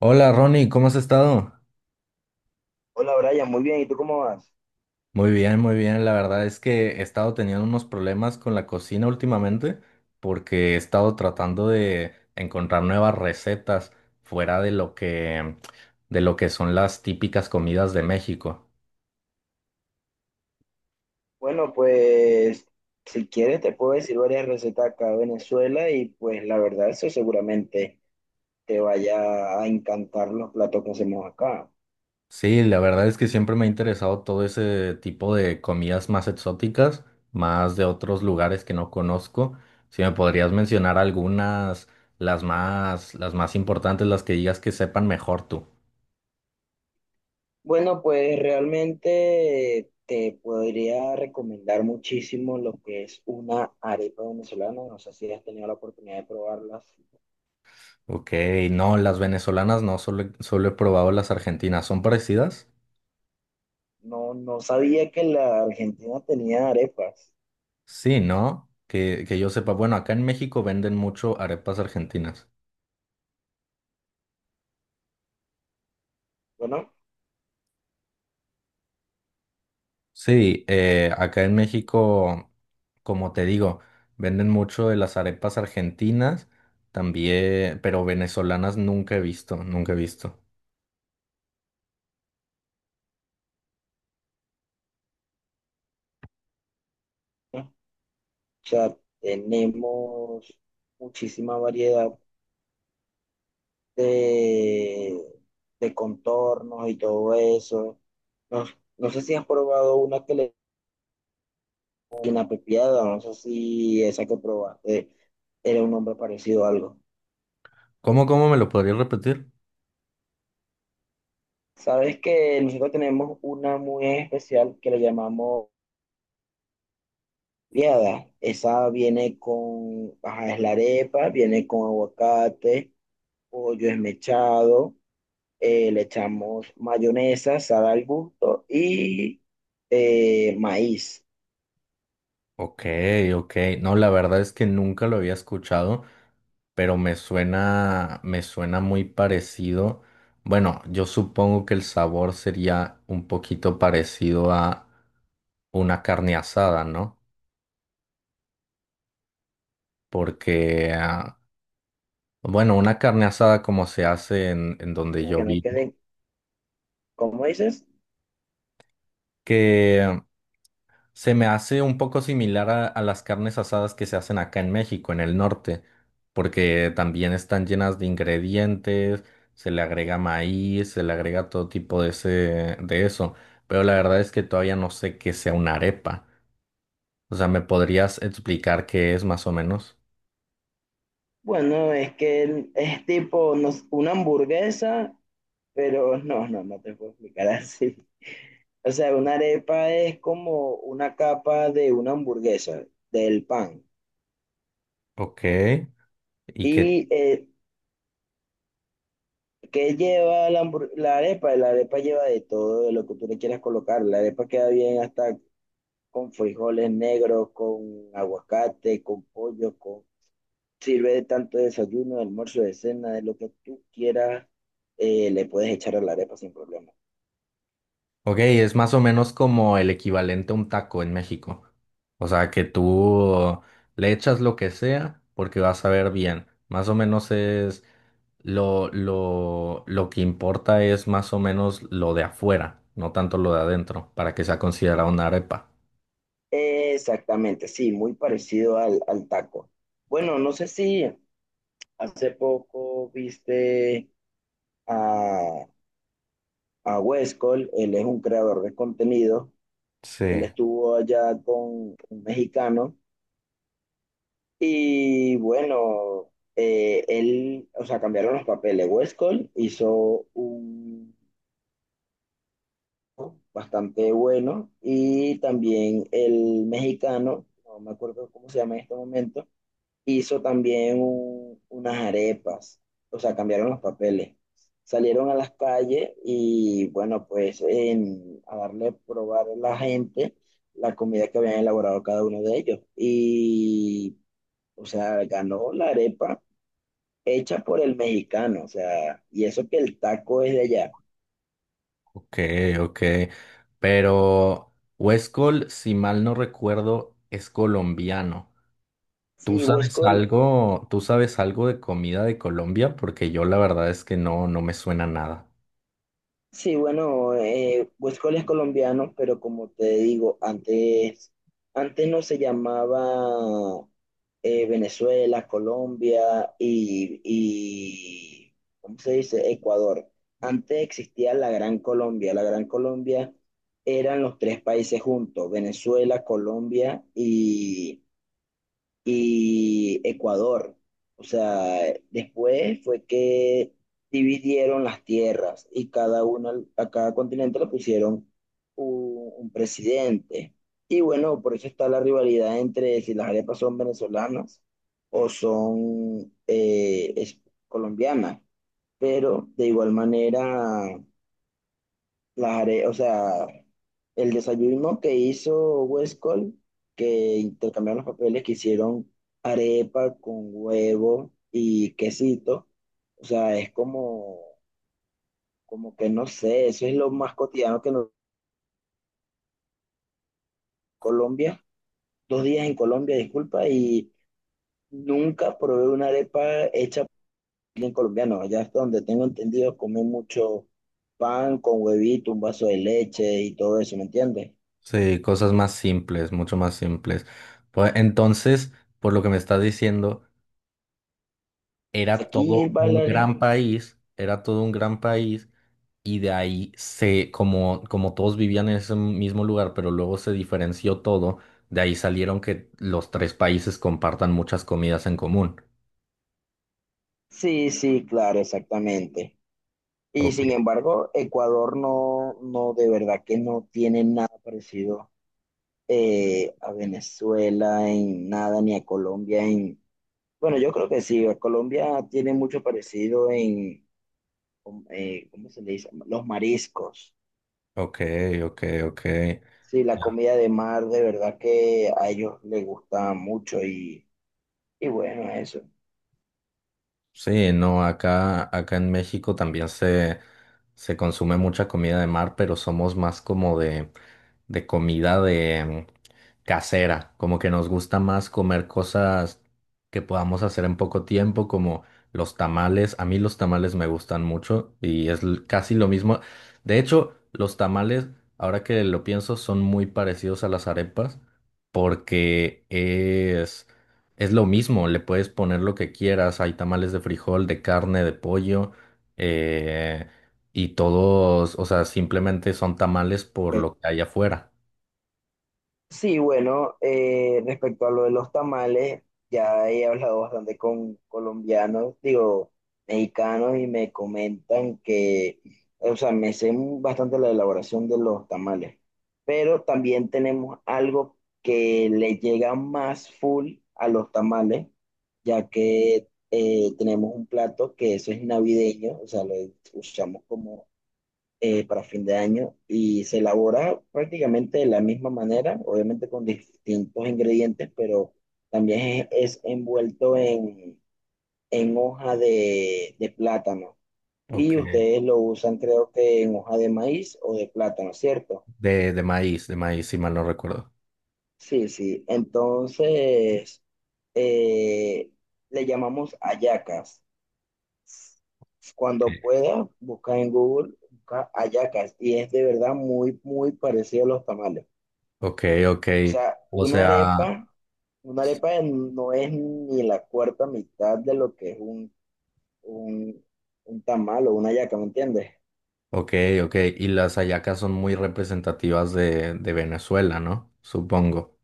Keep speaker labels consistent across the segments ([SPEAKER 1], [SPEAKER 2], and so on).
[SPEAKER 1] Hola Ronnie, ¿cómo has estado?
[SPEAKER 2] Hola Brian, muy bien, ¿y tú cómo vas?
[SPEAKER 1] Muy bien, muy bien. La verdad es que he estado teniendo unos problemas con la cocina últimamente porque he estado tratando de encontrar nuevas recetas fuera de lo que son las típicas comidas de México.
[SPEAKER 2] Bueno, pues si quieres te puedo decir varias recetas acá de Venezuela y pues la verdad eso seguramente te vaya a encantar los platos que hacemos acá.
[SPEAKER 1] Sí, la verdad es que siempre me ha interesado todo ese tipo de comidas más exóticas, más de otros lugares que no conozco. Si me podrías mencionar algunas, las más importantes, las que digas que sepan mejor tú.
[SPEAKER 2] Bueno, pues realmente te podría recomendar muchísimo lo que es una arepa venezolana, no sé si has tenido la oportunidad de probarlas.
[SPEAKER 1] Ok, no, las venezolanas no, solo, solo he probado las argentinas. ¿Son parecidas?
[SPEAKER 2] No, no sabía que la Argentina tenía arepas.
[SPEAKER 1] Sí, ¿no? Que yo sepa, bueno, acá en México venden mucho arepas argentinas.
[SPEAKER 2] Bueno,
[SPEAKER 1] Sí, acá en México, como te digo, venden mucho de las arepas argentinas, también, pero venezolanas nunca he visto, nunca he visto.
[SPEAKER 2] o sea, tenemos muchísima variedad de, de contornos y todo eso. No, no sé si has probado una que le inapropiada, no sé si esa que probaste era un nombre parecido a algo.
[SPEAKER 1] ¿Cómo me lo podrías repetir?
[SPEAKER 2] Sabes que nosotros tenemos una muy especial que le llamamos piada. Esa viene con, ajá, es la arepa, viene con aguacate, pollo esmechado, le echamos mayonesa, sal al gusto y maíz,
[SPEAKER 1] Ok, ok. No, la verdad es que nunca lo había escuchado, pero me suena muy parecido. Bueno, yo supongo que el sabor sería un poquito parecido a una carne asada, ¿no? Porque, ah, bueno, una carne asada como se hace en donde yo
[SPEAKER 2] que no
[SPEAKER 1] vivo.
[SPEAKER 2] queden. ¿Cómo dices?
[SPEAKER 1] Se me hace un poco similar a las carnes asadas que se hacen acá en México, en el norte, porque también están llenas de ingredientes, se le agrega maíz, se le agrega todo tipo de de eso, pero la verdad es que todavía no sé qué sea una arepa. O sea, ¿me podrías explicar qué es más o menos?
[SPEAKER 2] Bueno, es que es tipo una hamburguesa, pero no te puedo explicar así. O sea, una arepa es como una capa de una hamburguesa, del pan.
[SPEAKER 1] Ok. ¿Y qué?
[SPEAKER 2] ¿Y qué lleva la, la arepa? La arepa lleva de todo, de lo que tú le quieras colocar. La arepa queda bien hasta con frijoles negros, con aguacate, con pollo, con. Sirve de tanto de desayuno, de almuerzo, de cena, de lo que tú quieras, le puedes echar a la arepa sin problema.
[SPEAKER 1] Ok, es más o menos como el equivalente a un taco en México. O sea, que tú le echas lo que sea porque vas a ver bien. Más o menos es lo que importa es más o menos lo de afuera, no tanto lo de adentro, para que sea considerada una arepa.
[SPEAKER 2] Exactamente, sí, muy parecido al, al taco. Bueno, no sé si hace poco viste a, a Wes Cole, él es un creador de contenido,
[SPEAKER 1] Sí,
[SPEAKER 2] él estuvo allá con un mexicano y bueno, él, o sea, cambiaron los papeles. Wes Cole hizo un bastante bueno. Y también el mexicano, no me acuerdo cómo se llama en este momento, hizo también unas arepas, o sea, cambiaron los papeles. Salieron a las calles y bueno, pues en, a darle a probar a la gente la comida que habían elaborado cada uno de ellos. Y, o sea, ganó la arepa hecha por el mexicano, o sea, y eso que el taco es de allá.
[SPEAKER 1] ok, ok. Pero Huescol, si mal no recuerdo, es colombiano.
[SPEAKER 2] Sí, Huesco.
[SPEAKER 1] Tú sabes algo de comida de Colombia? Porque yo la verdad es que no, no me suena nada.
[SPEAKER 2] Sí, bueno, Huescol es colombiano, pero como te digo, antes, antes no se llamaba Venezuela, Colombia y, y, ¿cómo se dice? Ecuador. Antes existía la Gran Colombia. La Gran Colombia eran los tres países juntos, Venezuela, Colombia y Ecuador. O sea, después fue que dividieron las tierras y cada uno, a cada continente le pusieron un presidente. Y bueno, por eso está la rivalidad entre si las arepas son venezolanas o son colombianas. Pero de igual manera o sea, el desayuno que hizo Westcol, que intercambiaron los papeles, que hicieron arepa con huevo y quesito, o sea, es como, como que no sé, eso es lo más cotidiano que en Colombia, dos días en Colombia, disculpa, y nunca probé una arepa hecha por alguien colombiano, allá hasta donde tengo entendido, comen mucho pan con huevito, un vaso de leche y todo eso, ¿me entiendes?
[SPEAKER 1] Sí, cosas más simples, mucho más simples. Pues entonces, por lo que me estás diciendo, era
[SPEAKER 2] Aquí,
[SPEAKER 1] todo un
[SPEAKER 2] bailar.
[SPEAKER 1] gran país, era todo un gran país y de ahí se, como, como todos vivían en ese mismo lugar, pero luego se diferenció todo, de ahí salieron que los tres países compartan muchas comidas en común.
[SPEAKER 2] Sí, sí, claro, exactamente. Y
[SPEAKER 1] Ok,
[SPEAKER 2] sin embargo, Ecuador no, no, de verdad que no tiene nada parecido a Venezuela en nada, ni a Colombia en... Bueno, yo creo que sí, a Colombia tiene mucho parecido en, ¿cómo se le dice? Los mariscos.
[SPEAKER 1] ok, ok, ok.
[SPEAKER 2] Sí, la comida de mar, de verdad que a ellos les gusta mucho y bueno, eso.
[SPEAKER 1] Sí, no, acá en México también se consume mucha comida de mar, pero somos más como de comida de casera, como que nos gusta más comer cosas que podamos hacer en poco tiempo, como los tamales. A mí los tamales me gustan mucho y es casi lo mismo. De hecho, los tamales, ahora que lo pienso, son muy parecidos a las arepas porque es lo mismo, le puedes poner lo que quieras, hay tamales de frijol, de carne, de pollo, eh, y todos, o sea, simplemente son tamales por lo que hay afuera.
[SPEAKER 2] Sí, bueno, respecto a lo de los tamales, ya he hablado bastante con colombianos, digo, mexicanos, y me comentan que, o sea, me sé bastante la elaboración de los tamales, pero también tenemos algo que le llega más full a los tamales, ya que tenemos un plato que eso es navideño, o sea, lo usamos como para fin de año y se elabora prácticamente de la misma manera, obviamente con distintos ingredientes, pero también es envuelto en hoja de plátano.
[SPEAKER 1] Ok.
[SPEAKER 2] Y ustedes lo usan creo que en hoja de maíz o de plátano, ¿cierto?
[SPEAKER 1] De maíz, si mal no recuerdo.
[SPEAKER 2] Sí, sí. Entonces, eh, le llamamos hallacas. Cuando pueda, busca en Google, busca hallacas y es de verdad muy, muy parecido a los tamales.
[SPEAKER 1] Ok, ok.
[SPEAKER 2] O sea,
[SPEAKER 1] O sea,
[SPEAKER 2] una arepa no es ni la cuarta mitad de lo que es un, un tamal o una hallaca, ¿me entiendes?
[SPEAKER 1] ok, ok. Y las hallacas son muy representativas de Venezuela, ¿no? Supongo.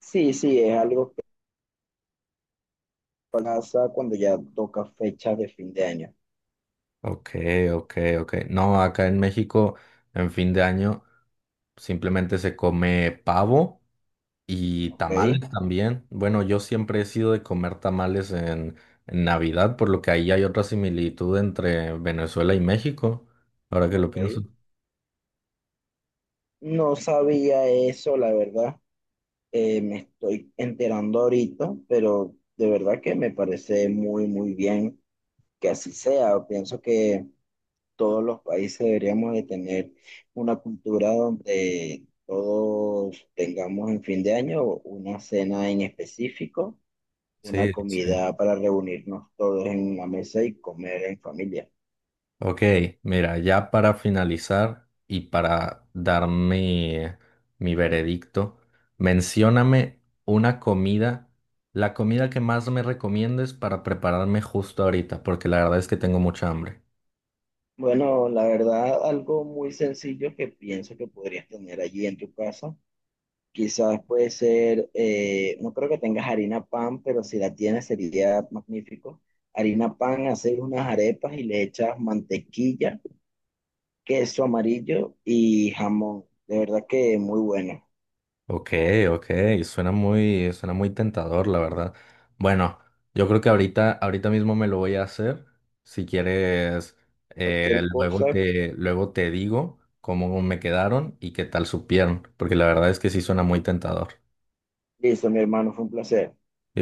[SPEAKER 2] Sí, sí, es algo que pasa cuando ya toca fecha de fin de año.
[SPEAKER 1] Ok, ok, ok. No, acá en México, en fin de año, simplemente se come pavo. Y
[SPEAKER 2] Ok,
[SPEAKER 1] tamales también. Bueno, yo siempre he sido de comer tamales en Navidad, por lo que ahí hay otra similitud entre Venezuela y México, ahora que lo
[SPEAKER 2] ok.
[SPEAKER 1] pienso.
[SPEAKER 2] No sabía eso, la verdad. Me estoy enterando ahorita, pero de verdad que me parece muy, muy bien que así sea. Pienso que todos los países deberíamos de tener una cultura donde todos tengamos en fin de año una cena en específico, una
[SPEAKER 1] Sí, sí.
[SPEAKER 2] comida para reunirnos todos en una mesa y comer en familia.
[SPEAKER 1] Ok, mira, ya para finalizar y para dar mi, mi veredicto, mencióname una comida, la comida que más me recomiendes para prepararme justo ahorita, porque la verdad es que tengo mucha hambre.
[SPEAKER 2] Bueno, la verdad, algo muy sencillo que pienso que podrías tener allí en tu casa. Quizás puede ser, no creo que tengas harina pan, pero si la tienes sería magnífico. Harina pan, hacer unas arepas y le echas mantequilla, queso amarillo y jamón. De verdad que muy bueno.
[SPEAKER 1] Ok, ok, suena muy tentador, la verdad. Bueno, yo creo que ahorita, ahorita mismo me lo voy a hacer. Si quieres, eh,
[SPEAKER 2] Cualquier cosa.
[SPEAKER 1] luego te digo cómo me quedaron y qué tal supieron, porque la verdad es que sí suena muy tentador.
[SPEAKER 2] Listo, mi hermano, fue un placer.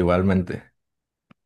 [SPEAKER 1] Igualmente.